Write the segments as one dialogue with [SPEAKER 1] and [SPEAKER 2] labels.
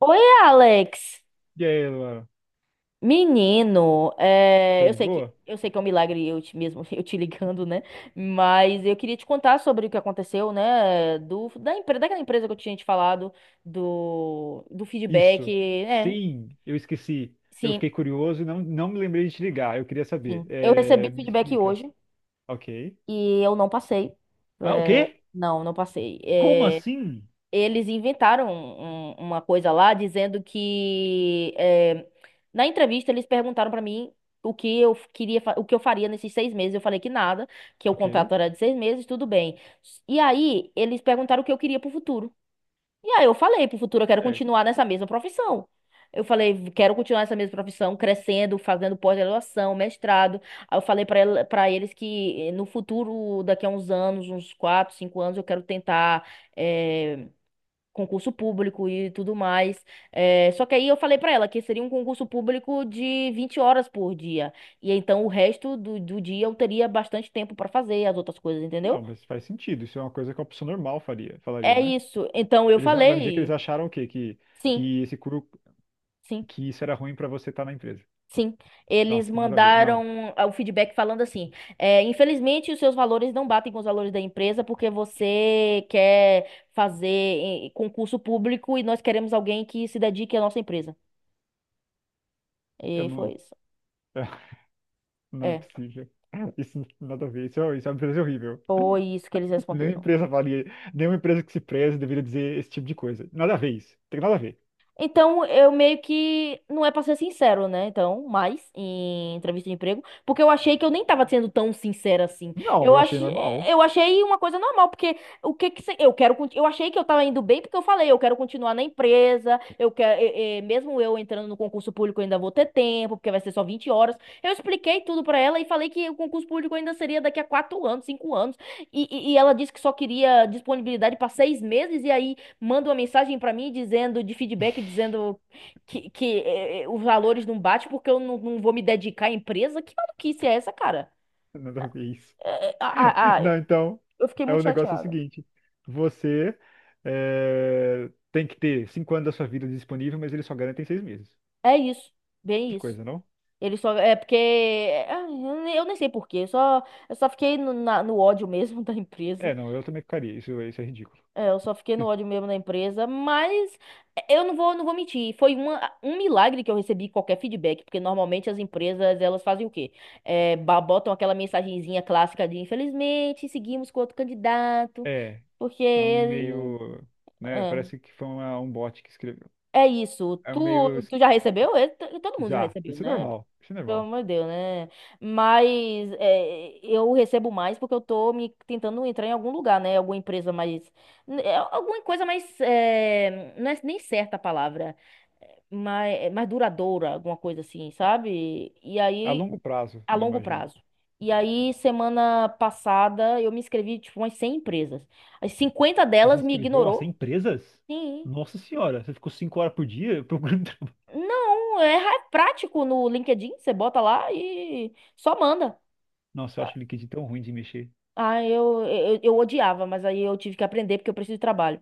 [SPEAKER 1] Oi, Alex.
[SPEAKER 2] E aí, Luana,
[SPEAKER 1] Menino,
[SPEAKER 2] tá
[SPEAKER 1] eu
[SPEAKER 2] de
[SPEAKER 1] sei que
[SPEAKER 2] boa?
[SPEAKER 1] eu sei que é um milagre eu te mesmo eu te ligando, né? Mas eu queria te contar sobre o que aconteceu, né? Do da empresa, daquela empresa que eu tinha te falado do feedback,
[SPEAKER 2] Isso.
[SPEAKER 1] né?
[SPEAKER 2] Sim, eu esqueci. Eu
[SPEAKER 1] Sim,
[SPEAKER 2] fiquei curioso e não me lembrei de te ligar. Eu queria saber.
[SPEAKER 1] sim. Eu
[SPEAKER 2] É,
[SPEAKER 1] recebi
[SPEAKER 2] me
[SPEAKER 1] feedback
[SPEAKER 2] explica.
[SPEAKER 1] hoje
[SPEAKER 2] Ok.
[SPEAKER 1] e eu não passei.
[SPEAKER 2] Ah, o
[SPEAKER 1] É,
[SPEAKER 2] quê?
[SPEAKER 1] não, não passei.
[SPEAKER 2] Como assim?
[SPEAKER 1] Eles inventaram uma coisa lá dizendo que na entrevista eles perguntaram pra mim o que eu faria nesses 6 meses. Eu falei que nada, que o
[SPEAKER 2] Ok.
[SPEAKER 1] contrato era de 6 meses, tudo bem. E aí eles perguntaram o que eu queria pro futuro. E aí eu falei pro futuro eu quero
[SPEAKER 2] Certo.
[SPEAKER 1] continuar nessa mesma profissão. Eu falei, quero continuar nessa mesma profissão, crescendo, fazendo pós-graduação, mestrado. Aí eu falei pra eles que no futuro, daqui a uns anos, uns 4, 5 anos, eu quero tentar eh, concurso público e tudo mais. É, só que aí eu falei pra ela que seria um concurso público de 20 horas por dia. E então o resto do dia eu teria bastante tempo pra fazer as outras coisas,
[SPEAKER 2] Não,
[SPEAKER 1] entendeu?
[SPEAKER 2] mas faz sentido. Isso é uma coisa que uma pessoa normal faria, falaria,
[SPEAKER 1] É
[SPEAKER 2] né?
[SPEAKER 1] isso. Então eu
[SPEAKER 2] Eles vai me dizer que eles
[SPEAKER 1] falei,
[SPEAKER 2] acharam o quê? Que,
[SPEAKER 1] sim,
[SPEAKER 2] que esse curo,
[SPEAKER 1] sim.
[SPEAKER 2] que isso era ruim pra você estar na empresa.
[SPEAKER 1] Sim, eles
[SPEAKER 2] Nossa, que nada a ver. Não,
[SPEAKER 1] mandaram o feedback falando assim: infelizmente, os seus valores não batem com os valores da empresa porque você quer fazer concurso público e nós queremos alguém que se dedique à nossa empresa.
[SPEAKER 2] eu
[SPEAKER 1] E foi
[SPEAKER 2] não.
[SPEAKER 1] isso.
[SPEAKER 2] Não é
[SPEAKER 1] É.
[SPEAKER 2] possível. Isso não tem nada a ver. Isso é uma empresa horrível.
[SPEAKER 1] Foi isso que eles
[SPEAKER 2] Nenhuma
[SPEAKER 1] responderam.
[SPEAKER 2] empresa valia, nenhuma empresa que se preze deveria dizer esse tipo de coisa. Nada a ver isso. Tem nada a ver.
[SPEAKER 1] Então, eu meio que. Não é pra ser sincero, né? Então, mais em entrevista de emprego. Porque eu achei que eu nem tava sendo tão sincera assim.
[SPEAKER 2] Não,
[SPEAKER 1] Eu
[SPEAKER 2] eu achei
[SPEAKER 1] achei,
[SPEAKER 2] normal.
[SPEAKER 1] eu achei uma coisa normal. Porque o que que. Eu quero. Eu achei que eu tava indo bem porque eu falei, eu quero continuar na empresa. Eu quero. Mesmo eu entrando no concurso público, eu ainda vou ter tempo, porque vai ser só 20 horas. Eu expliquei tudo pra ela e falei que o concurso público ainda seria daqui a 4 anos, 5 anos. E ela disse que só queria disponibilidade pra 6 meses. E aí. Manda uma mensagem pra mim dizendo, de feedback, dizendo que os valores não batem porque eu não vou me dedicar à empresa? Que maluquice é essa, cara?
[SPEAKER 2] Nada a ver isso.
[SPEAKER 1] É, é, ah, ah, ah,
[SPEAKER 2] Não, então,
[SPEAKER 1] eu fiquei
[SPEAKER 2] é
[SPEAKER 1] muito
[SPEAKER 2] o negócio é o
[SPEAKER 1] chateada.
[SPEAKER 2] seguinte. Você é, tem que ter 5 anos da sua vida disponível, mas eles só garantem 6 meses.
[SPEAKER 1] É isso, bem
[SPEAKER 2] Que
[SPEAKER 1] isso.
[SPEAKER 2] coisa, não?
[SPEAKER 1] Ele só. É porque. Eu nem sei por quê. Só, eu só fiquei no ódio mesmo da empresa.
[SPEAKER 2] É, não, eu também ficaria. Isso é ridículo.
[SPEAKER 1] É, eu só fiquei no ódio mesmo na empresa, mas eu não vou mentir. Foi um milagre que eu recebi qualquer feedback, porque normalmente as empresas elas fazem o quê? É, botam aquela mensagenzinha clássica de infelizmente seguimos com outro candidato,
[SPEAKER 2] É,
[SPEAKER 1] porque
[SPEAKER 2] é um
[SPEAKER 1] ele.
[SPEAKER 2] e-mail, né?
[SPEAKER 1] É,
[SPEAKER 2] Parece que foi um bot que escreveu.
[SPEAKER 1] é isso.
[SPEAKER 2] É um e-mail
[SPEAKER 1] Tu já recebeu? É, todo mundo já
[SPEAKER 2] já.
[SPEAKER 1] recebeu,
[SPEAKER 2] Isso é
[SPEAKER 1] né?
[SPEAKER 2] normal. Isso é
[SPEAKER 1] Pelo
[SPEAKER 2] normal.
[SPEAKER 1] amor de Deus, né? Mas eu recebo mais porque eu tô me tentando entrar em algum lugar, né? Alguma empresa mais. Alguma coisa mais. Não é nem certa a palavra, mas mais duradoura, alguma coisa assim, sabe? E
[SPEAKER 2] A
[SPEAKER 1] aí,
[SPEAKER 2] longo prazo,
[SPEAKER 1] a
[SPEAKER 2] não
[SPEAKER 1] longo
[SPEAKER 2] imagino.
[SPEAKER 1] prazo. E aí, semana passada, eu me inscrevi, tipo, umas 100 empresas. As 50
[SPEAKER 2] Você se
[SPEAKER 1] delas me
[SPEAKER 2] inscreveu a 100
[SPEAKER 1] ignorou.
[SPEAKER 2] empresas?
[SPEAKER 1] Sim.
[SPEAKER 2] Nossa senhora, você ficou 5 horas por dia procurando trabalho.
[SPEAKER 1] Não, é prático no LinkedIn, você bota lá e só manda.
[SPEAKER 2] Nossa, eu acho o LinkedIn tão ruim de mexer.
[SPEAKER 1] Ah, eu odiava, mas aí eu tive que aprender porque eu preciso de trabalho.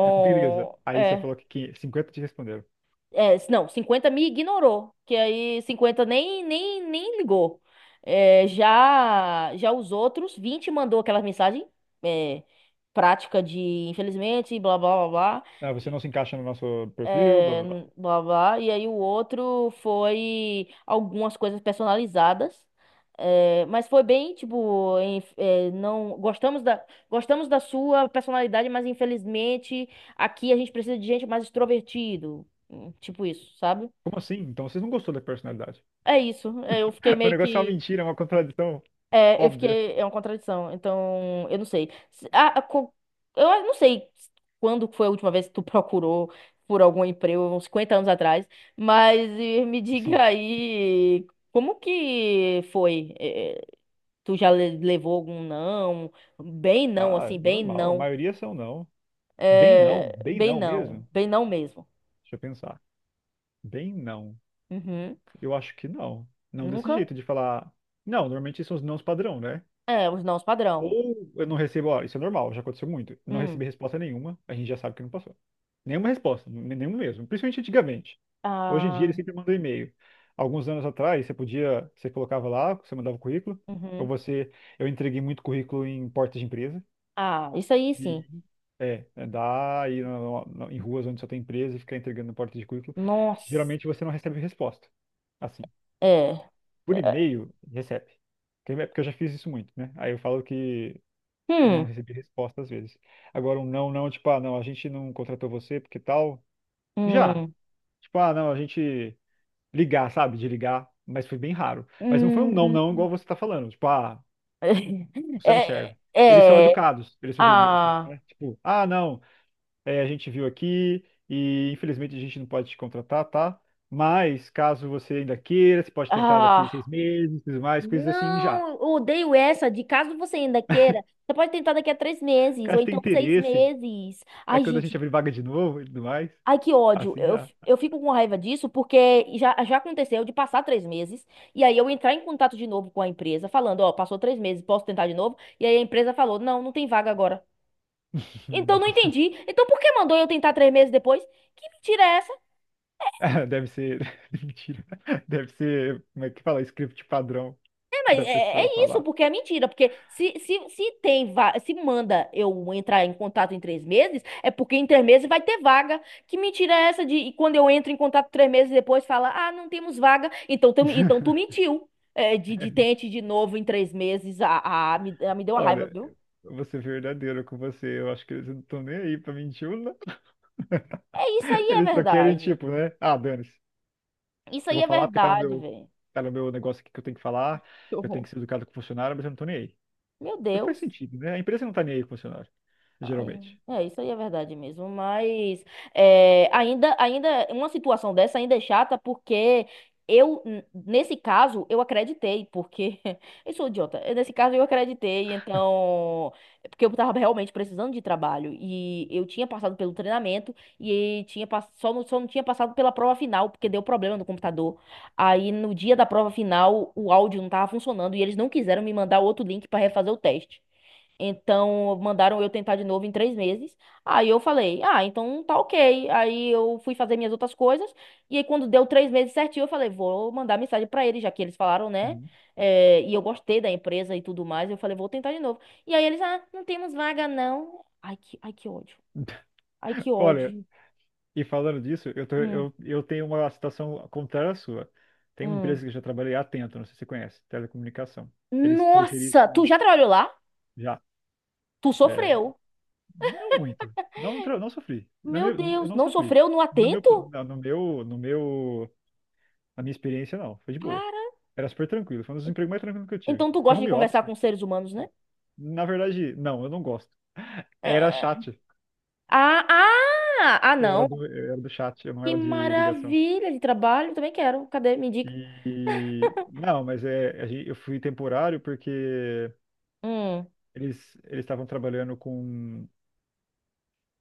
[SPEAKER 2] Beleza. Aí você falou que 50 te responderam.
[SPEAKER 1] não, 50 me ignorou, que aí 50 nem ligou. É, já já os outros 20 mandou aquela mensagem é, prática de infelizmente blá blá blá blá
[SPEAKER 2] Ah, você não se encaixa no nosso perfil, blá
[SPEAKER 1] é,
[SPEAKER 2] blá blá.
[SPEAKER 1] blá blá. E aí o outro foi algumas coisas personalizadas. Mas foi bem, tipo, não gostamos da sua personalidade, mas infelizmente aqui a gente precisa de gente mais extrovertido. Hum. Tipo isso, sabe?
[SPEAKER 2] Como assim? Então vocês não gostou da personalidade.
[SPEAKER 1] É isso. Eu fiquei
[SPEAKER 2] O
[SPEAKER 1] meio
[SPEAKER 2] negócio é uma
[SPEAKER 1] que.
[SPEAKER 2] mentira, é uma contradição
[SPEAKER 1] É, eu
[SPEAKER 2] óbvia.
[SPEAKER 1] fiquei. É uma contradição. Então, eu não sei. Eu não sei quando foi a última vez que tu procurou por algum emprego, uns 50 anos atrás, mas me
[SPEAKER 2] Assim,
[SPEAKER 1] diga aí como que foi? Tu já levou algum não? Bem não,
[SPEAKER 2] ah,
[SPEAKER 1] assim, bem
[SPEAKER 2] normal. A
[SPEAKER 1] não.
[SPEAKER 2] maioria são não. Bem não,
[SPEAKER 1] É,
[SPEAKER 2] bem
[SPEAKER 1] bem
[SPEAKER 2] não
[SPEAKER 1] não.
[SPEAKER 2] mesmo.
[SPEAKER 1] Bem não mesmo.
[SPEAKER 2] Deixa eu pensar. Bem não.
[SPEAKER 1] Uhum.
[SPEAKER 2] Eu acho que não. Não desse
[SPEAKER 1] Nunca?
[SPEAKER 2] jeito de falar. Não, normalmente são os nãos padrão, né?
[SPEAKER 1] É, os nãos padrão.
[SPEAKER 2] Ou eu não recebo, ó, isso é normal, já aconteceu muito. Não
[SPEAKER 1] Hum.
[SPEAKER 2] recebi resposta nenhuma, a gente já sabe que não passou. Nenhuma resposta, nenhum mesmo, principalmente antigamente. Hoje em dia
[SPEAKER 1] Ah,
[SPEAKER 2] ele sempre manda um e-mail. Alguns anos atrás, você podia, você colocava lá, você mandava o currículo, ou
[SPEAKER 1] uhum.
[SPEAKER 2] você, eu entreguei muito currículo em portas de empresa,
[SPEAKER 1] Ah, isso aí
[SPEAKER 2] e
[SPEAKER 1] sim.
[SPEAKER 2] é dá aí em ruas onde só tem empresa e ficar entregando em porta de currículo.
[SPEAKER 1] Nossa.
[SPEAKER 2] Geralmente você não recebe resposta. Assim,
[SPEAKER 1] É.
[SPEAKER 2] por
[SPEAKER 1] É.
[SPEAKER 2] e-mail, recebe. Porque é porque eu já fiz isso muito, né? Aí eu falo que não
[SPEAKER 1] Hum.
[SPEAKER 2] recebi resposta às vezes. Agora, um não, não, tipo, ah, não, a gente não contratou você porque tal. Já.
[SPEAKER 1] Hum.
[SPEAKER 2] Tipo, ah, não, a gente ligar, sabe? De ligar, mas foi bem raro. Mas não foi um não,
[SPEAKER 1] Hum.
[SPEAKER 2] não, igual você tá falando. Tipo, ah, você não
[SPEAKER 1] É.
[SPEAKER 2] serve. Eles são
[SPEAKER 1] É.
[SPEAKER 2] educados. Eles são, geralmente,
[SPEAKER 1] Ah.
[SPEAKER 2] né? Tipo, ah, não, é, a gente viu aqui e infelizmente a gente não pode te contratar, tá? Mas caso você ainda queira, você pode tentar daqui
[SPEAKER 1] Ah.
[SPEAKER 2] 6 meses, tudo mais, coisas assim já.
[SPEAKER 1] Não, eu odeio essa. De caso você ainda queira, você pode tentar daqui a 3 meses, ou
[SPEAKER 2] Caso tenha
[SPEAKER 1] então seis
[SPEAKER 2] interesse,
[SPEAKER 1] meses.
[SPEAKER 2] é
[SPEAKER 1] Ai,
[SPEAKER 2] quando a gente
[SPEAKER 1] gente.
[SPEAKER 2] abrir vaga de novo e tudo mais,
[SPEAKER 1] Ai, que ódio.
[SPEAKER 2] assim
[SPEAKER 1] Eu,
[SPEAKER 2] já.
[SPEAKER 1] eu fico com raiva disso porque já, já aconteceu de passar 3 meses e aí eu entrar em contato de novo com a empresa, falando, ó, passou 3 meses, posso tentar de novo? E aí a empresa falou, não, não tem vaga agora. Então não entendi. Então por que mandou eu tentar 3 meses depois? Que mentira é essa?
[SPEAKER 2] Deve ser. Mentira. Deve ser. Como é que fala? Script padrão
[SPEAKER 1] É, mas
[SPEAKER 2] da
[SPEAKER 1] é,
[SPEAKER 2] pessoa
[SPEAKER 1] é isso,
[SPEAKER 2] falar.
[SPEAKER 1] porque é mentira. Porque se se manda eu entrar em contato em 3 meses, é porque em 3 meses vai ter vaga. Que mentira é essa de e quando eu entro em contato 3 meses depois fala, ah, não temos vaga. Então tu mentiu. É,
[SPEAKER 2] É
[SPEAKER 1] de
[SPEAKER 2] mentira.
[SPEAKER 1] tente de novo em 3 meses. Ah, ah, me deu uma raiva,
[SPEAKER 2] Olha,
[SPEAKER 1] viu?
[SPEAKER 2] eu vou ser verdadeiro com você. Eu acho que eles não estão nem aí pra mentir ou
[SPEAKER 1] É isso aí, é
[SPEAKER 2] eles só querem,
[SPEAKER 1] verdade.
[SPEAKER 2] tipo, né? Ah, dane-se.
[SPEAKER 1] Isso
[SPEAKER 2] Eu
[SPEAKER 1] aí
[SPEAKER 2] vou
[SPEAKER 1] é
[SPEAKER 2] falar porque tá no
[SPEAKER 1] verdade,
[SPEAKER 2] meu,
[SPEAKER 1] velho.
[SPEAKER 2] tá no meu negócio aqui que eu tenho que falar.
[SPEAKER 1] Que
[SPEAKER 2] Eu tenho
[SPEAKER 1] horror.
[SPEAKER 2] que ser educado com o funcionário, mas eu não tô nem aí.
[SPEAKER 1] Meu
[SPEAKER 2] O que faz
[SPEAKER 1] Deus.
[SPEAKER 2] sentido, né? A empresa não tá nem aí com o funcionário,
[SPEAKER 1] Ai.
[SPEAKER 2] geralmente.
[SPEAKER 1] É, isso aí é verdade mesmo, mas uma situação dessa ainda é chata porque nesse caso, eu acreditei, porque eu sou idiota. Eu, nesse caso eu acreditei, então, é porque eu tava realmente precisando de trabalho e eu tinha passado pelo treinamento e tinha, só não tinha passado pela prova final, porque deu problema no computador. Aí no dia da prova final o áudio não tava funcionando e eles não quiseram me mandar outro link para refazer o teste. Então, mandaram eu tentar de novo em 3 meses. Aí eu falei, ah, então tá ok. Aí eu fui fazer minhas outras coisas. E aí, quando deu 3 meses certinho, eu falei, vou mandar mensagem pra eles, já que eles falaram, né?
[SPEAKER 2] Uhum.
[SPEAKER 1] É, e eu gostei da empresa e tudo mais. Eu falei, vou tentar de novo. E aí eles, ah, não temos vaga, não. Ai, que ódio. Ai, que
[SPEAKER 2] Olha,
[SPEAKER 1] ódio.
[SPEAKER 2] e falando disso, eu, tô-
[SPEAKER 1] Hum,
[SPEAKER 2] eu, eu tenho uma situação contrária à sua. Tem uma
[SPEAKER 1] hum.
[SPEAKER 2] empresa que eu já trabalhei, a Atento, não sei se você conhece, telecomunicação. Eles
[SPEAKER 1] Nossa, tu
[SPEAKER 2] terceirizam
[SPEAKER 1] já trabalhou lá?
[SPEAKER 2] já.
[SPEAKER 1] Tu
[SPEAKER 2] É,
[SPEAKER 1] sofreu.
[SPEAKER 2] não muito. Não, não sofri.
[SPEAKER 1] Meu
[SPEAKER 2] Eu
[SPEAKER 1] Deus,
[SPEAKER 2] não
[SPEAKER 1] não
[SPEAKER 2] sofri.
[SPEAKER 1] sofreu no
[SPEAKER 2] No meu,
[SPEAKER 1] atento?
[SPEAKER 2] na- no meu, no meu, na minha experiência, não. Foi de boa.
[SPEAKER 1] Cara.
[SPEAKER 2] Era super tranquilo. Foi um dos empregos mais tranquilos que eu tive.
[SPEAKER 1] Então tu
[SPEAKER 2] É
[SPEAKER 1] gosta de
[SPEAKER 2] home
[SPEAKER 1] conversar
[SPEAKER 2] office.
[SPEAKER 1] com seres humanos, né?
[SPEAKER 2] Na verdade, não, eu não gosto. Era chat.
[SPEAKER 1] Ah, ah! Ah,
[SPEAKER 2] Eu era
[SPEAKER 1] não.
[SPEAKER 2] do, eu era do chat, eu não
[SPEAKER 1] Que
[SPEAKER 2] era de ligação.
[SPEAKER 1] maravilha de trabalho. Também quero. Cadê? Me indica.
[SPEAKER 2] E não, mas é, eu fui temporário porque
[SPEAKER 1] Hum.
[SPEAKER 2] eles estavam trabalhando com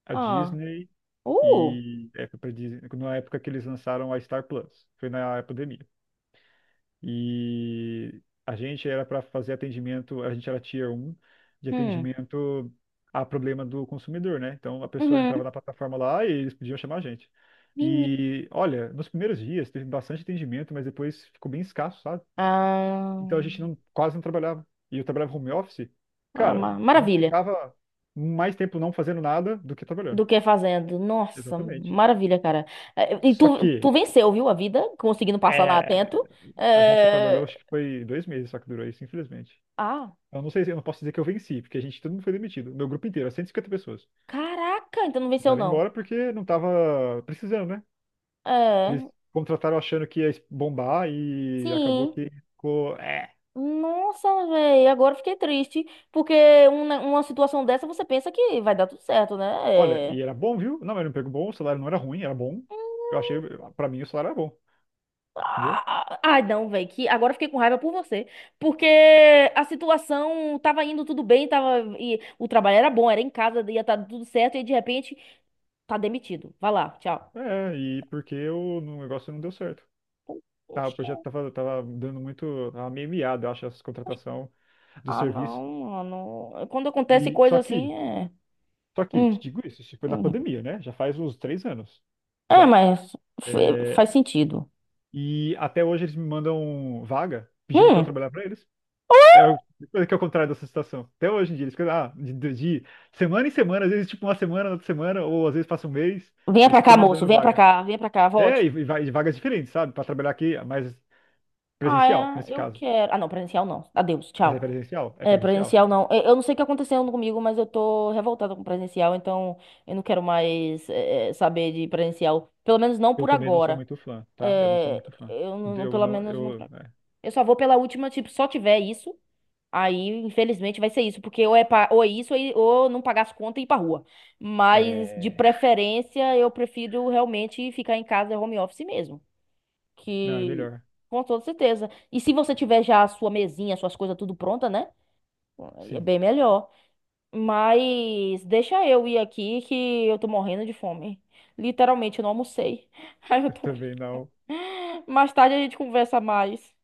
[SPEAKER 2] a
[SPEAKER 1] Ah.
[SPEAKER 2] Disney
[SPEAKER 1] Uh.
[SPEAKER 2] e foi pra Disney, na época que eles lançaram a Star Plus, foi na pandemia. E a gente era para fazer atendimento, a gente era tier 1 de
[SPEAKER 1] Hum.
[SPEAKER 2] atendimento a problema do consumidor, né? Então a pessoa entrava
[SPEAKER 1] Uhum.
[SPEAKER 2] na plataforma lá e eles podiam chamar a gente.
[SPEAKER 1] Menina.
[SPEAKER 2] E olha, nos primeiros dias teve bastante atendimento, mas depois ficou bem escasso, sabe? Então
[SPEAKER 1] Ah.
[SPEAKER 2] a gente quase não trabalhava. E eu trabalhava home office.
[SPEAKER 1] Ah,
[SPEAKER 2] Cara, a gente
[SPEAKER 1] maravilha.
[SPEAKER 2] ficava mais tempo não fazendo nada do que trabalhando.
[SPEAKER 1] Do que é fazendo. Nossa,
[SPEAKER 2] Exatamente.
[SPEAKER 1] maravilha, cara. E
[SPEAKER 2] Só
[SPEAKER 1] tu
[SPEAKER 2] que
[SPEAKER 1] venceu, viu, a vida? Conseguindo passar na
[SPEAKER 2] é,
[SPEAKER 1] Atento.
[SPEAKER 2] a gente só trabalhou,
[SPEAKER 1] Eh,
[SPEAKER 2] acho que foi 2 meses só que durou isso, infelizmente.
[SPEAKER 1] Ah,
[SPEAKER 2] Eu não sei, eu não posso dizer que eu venci, porque a gente, todo mundo foi demitido. Meu grupo inteiro, 150 pessoas.
[SPEAKER 1] caraca, então não venceu,
[SPEAKER 2] Mandaram
[SPEAKER 1] não.
[SPEAKER 2] embora porque não tava precisando, né? Eles
[SPEAKER 1] É,
[SPEAKER 2] contrataram achando que ia bombar e acabou
[SPEAKER 1] sim.
[SPEAKER 2] que ficou. É.
[SPEAKER 1] Nossa, velho, agora eu fiquei triste, porque uma situação dessa você pensa que vai dar tudo certo,
[SPEAKER 2] Olha,
[SPEAKER 1] né? É.
[SPEAKER 2] e era bom, viu? Não, era um emprego bom, o salário não era ruim, era bom. Eu achei, pra mim, o salário era bom. Entendeu?
[SPEAKER 1] Ah, ai, não, velho, que agora eu fiquei com raiva por você, porque a situação tava indo tudo bem, tava e o trabalho era bom, era em casa, ia estar tudo certo e de repente tá demitido. Vai lá, tchau.
[SPEAKER 2] É, e porque o negócio não deu certo. Tá, o
[SPEAKER 1] Poxa.
[SPEAKER 2] projeto tava, dando muito, tava meio miado, eu acho, essa contratação do
[SPEAKER 1] Ah,
[SPEAKER 2] serviço.
[SPEAKER 1] não, mano. Quando acontece
[SPEAKER 2] E
[SPEAKER 1] coisa assim, é,
[SPEAKER 2] só que,
[SPEAKER 1] hum,
[SPEAKER 2] te digo isso, isso foi na
[SPEAKER 1] hum.
[SPEAKER 2] pandemia, né? Já faz uns 3 anos,
[SPEAKER 1] É,
[SPEAKER 2] já.
[SPEAKER 1] mas faz
[SPEAKER 2] É,
[SPEAKER 1] sentido.
[SPEAKER 2] e até hoje eles me mandam vaga pedindo pra eu
[SPEAKER 1] Hum.
[SPEAKER 2] trabalhar pra eles. É coisa que é o contrário dessa situação. Até hoje em dia, eles ficam, ah, de semana em semana, às vezes tipo uma semana, outra semana, ou às vezes passa um mês,
[SPEAKER 1] Venha
[SPEAKER 2] eles
[SPEAKER 1] pra
[SPEAKER 2] ficam
[SPEAKER 1] cá, moço,
[SPEAKER 2] mandando vaga.
[SPEAKER 1] venha pra cá,
[SPEAKER 2] É,
[SPEAKER 1] volte.
[SPEAKER 2] e vagas diferentes, sabe? Pra trabalhar aqui, mas presencial,
[SPEAKER 1] Ah,
[SPEAKER 2] nesse
[SPEAKER 1] é, eu
[SPEAKER 2] caso.
[SPEAKER 1] quero. Ah, não, presencial não. Adeus,
[SPEAKER 2] Mas é
[SPEAKER 1] tchau.
[SPEAKER 2] presencial? É
[SPEAKER 1] É,
[SPEAKER 2] presencial.
[SPEAKER 1] presencial não. Eu não sei o que aconteceu comigo, mas eu tô revoltada com presencial, então eu não quero mais saber de presencial. Pelo menos não
[SPEAKER 2] Eu
[SPEAKER 1] por
[SPEAKER 2] também não sou
[SPEAKER 1] agora.
[SPEAKER 2] muito fã, tá? Eu não sou
[SPEAKER 1] É,
[SPEAKER 2] muito fã.
[SPEAKER 1] eu não, não-
[SPEAKER 2] Eu
[SPEAKER 1] pelo
[SPEAKER 2] não,
[SPEAKER 1] menos não por agora. Eu só vou pela última, tipo, só tiver isso, aí infelizmente vai ser isso, porque ou é, ou é isso, ou não pagar as contas e ir pra rua.
[SPEAKER 2] é,
[SPEAKER 1] Mas de
[SPEAKER 2] é,
[SPEAKER 1] preferência, eu prefiro realmente ficar em casa, home office mesmo.
[SPEAKER 2] não, é
[SPEAKER 1] Que,
[SPEAKER 2] melhor.
[SPEAKER 1] com toda certeza. E se você tiver já a sua mesinha, suas coisas tudo pronta, né? É
[SPEAKER 2] Sim,
[SPEAKER 1] bem melhor. Mas deixa eu ir aqui que eu tô morrendo de fome. Literalmente, eu não almocei. Aí eu
[SPEAKER 2] eu
[SPEAKER 1] tô.
[SPEAKER 2] também não.
[SPEAKER 1] Mais tarde a gente conversa mais.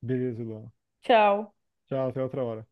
[SPEAKER 2] Beleza, Luan.
[SPEAKER 1] Tchau.
[SPEAKER 2] Tchau, até outra hora.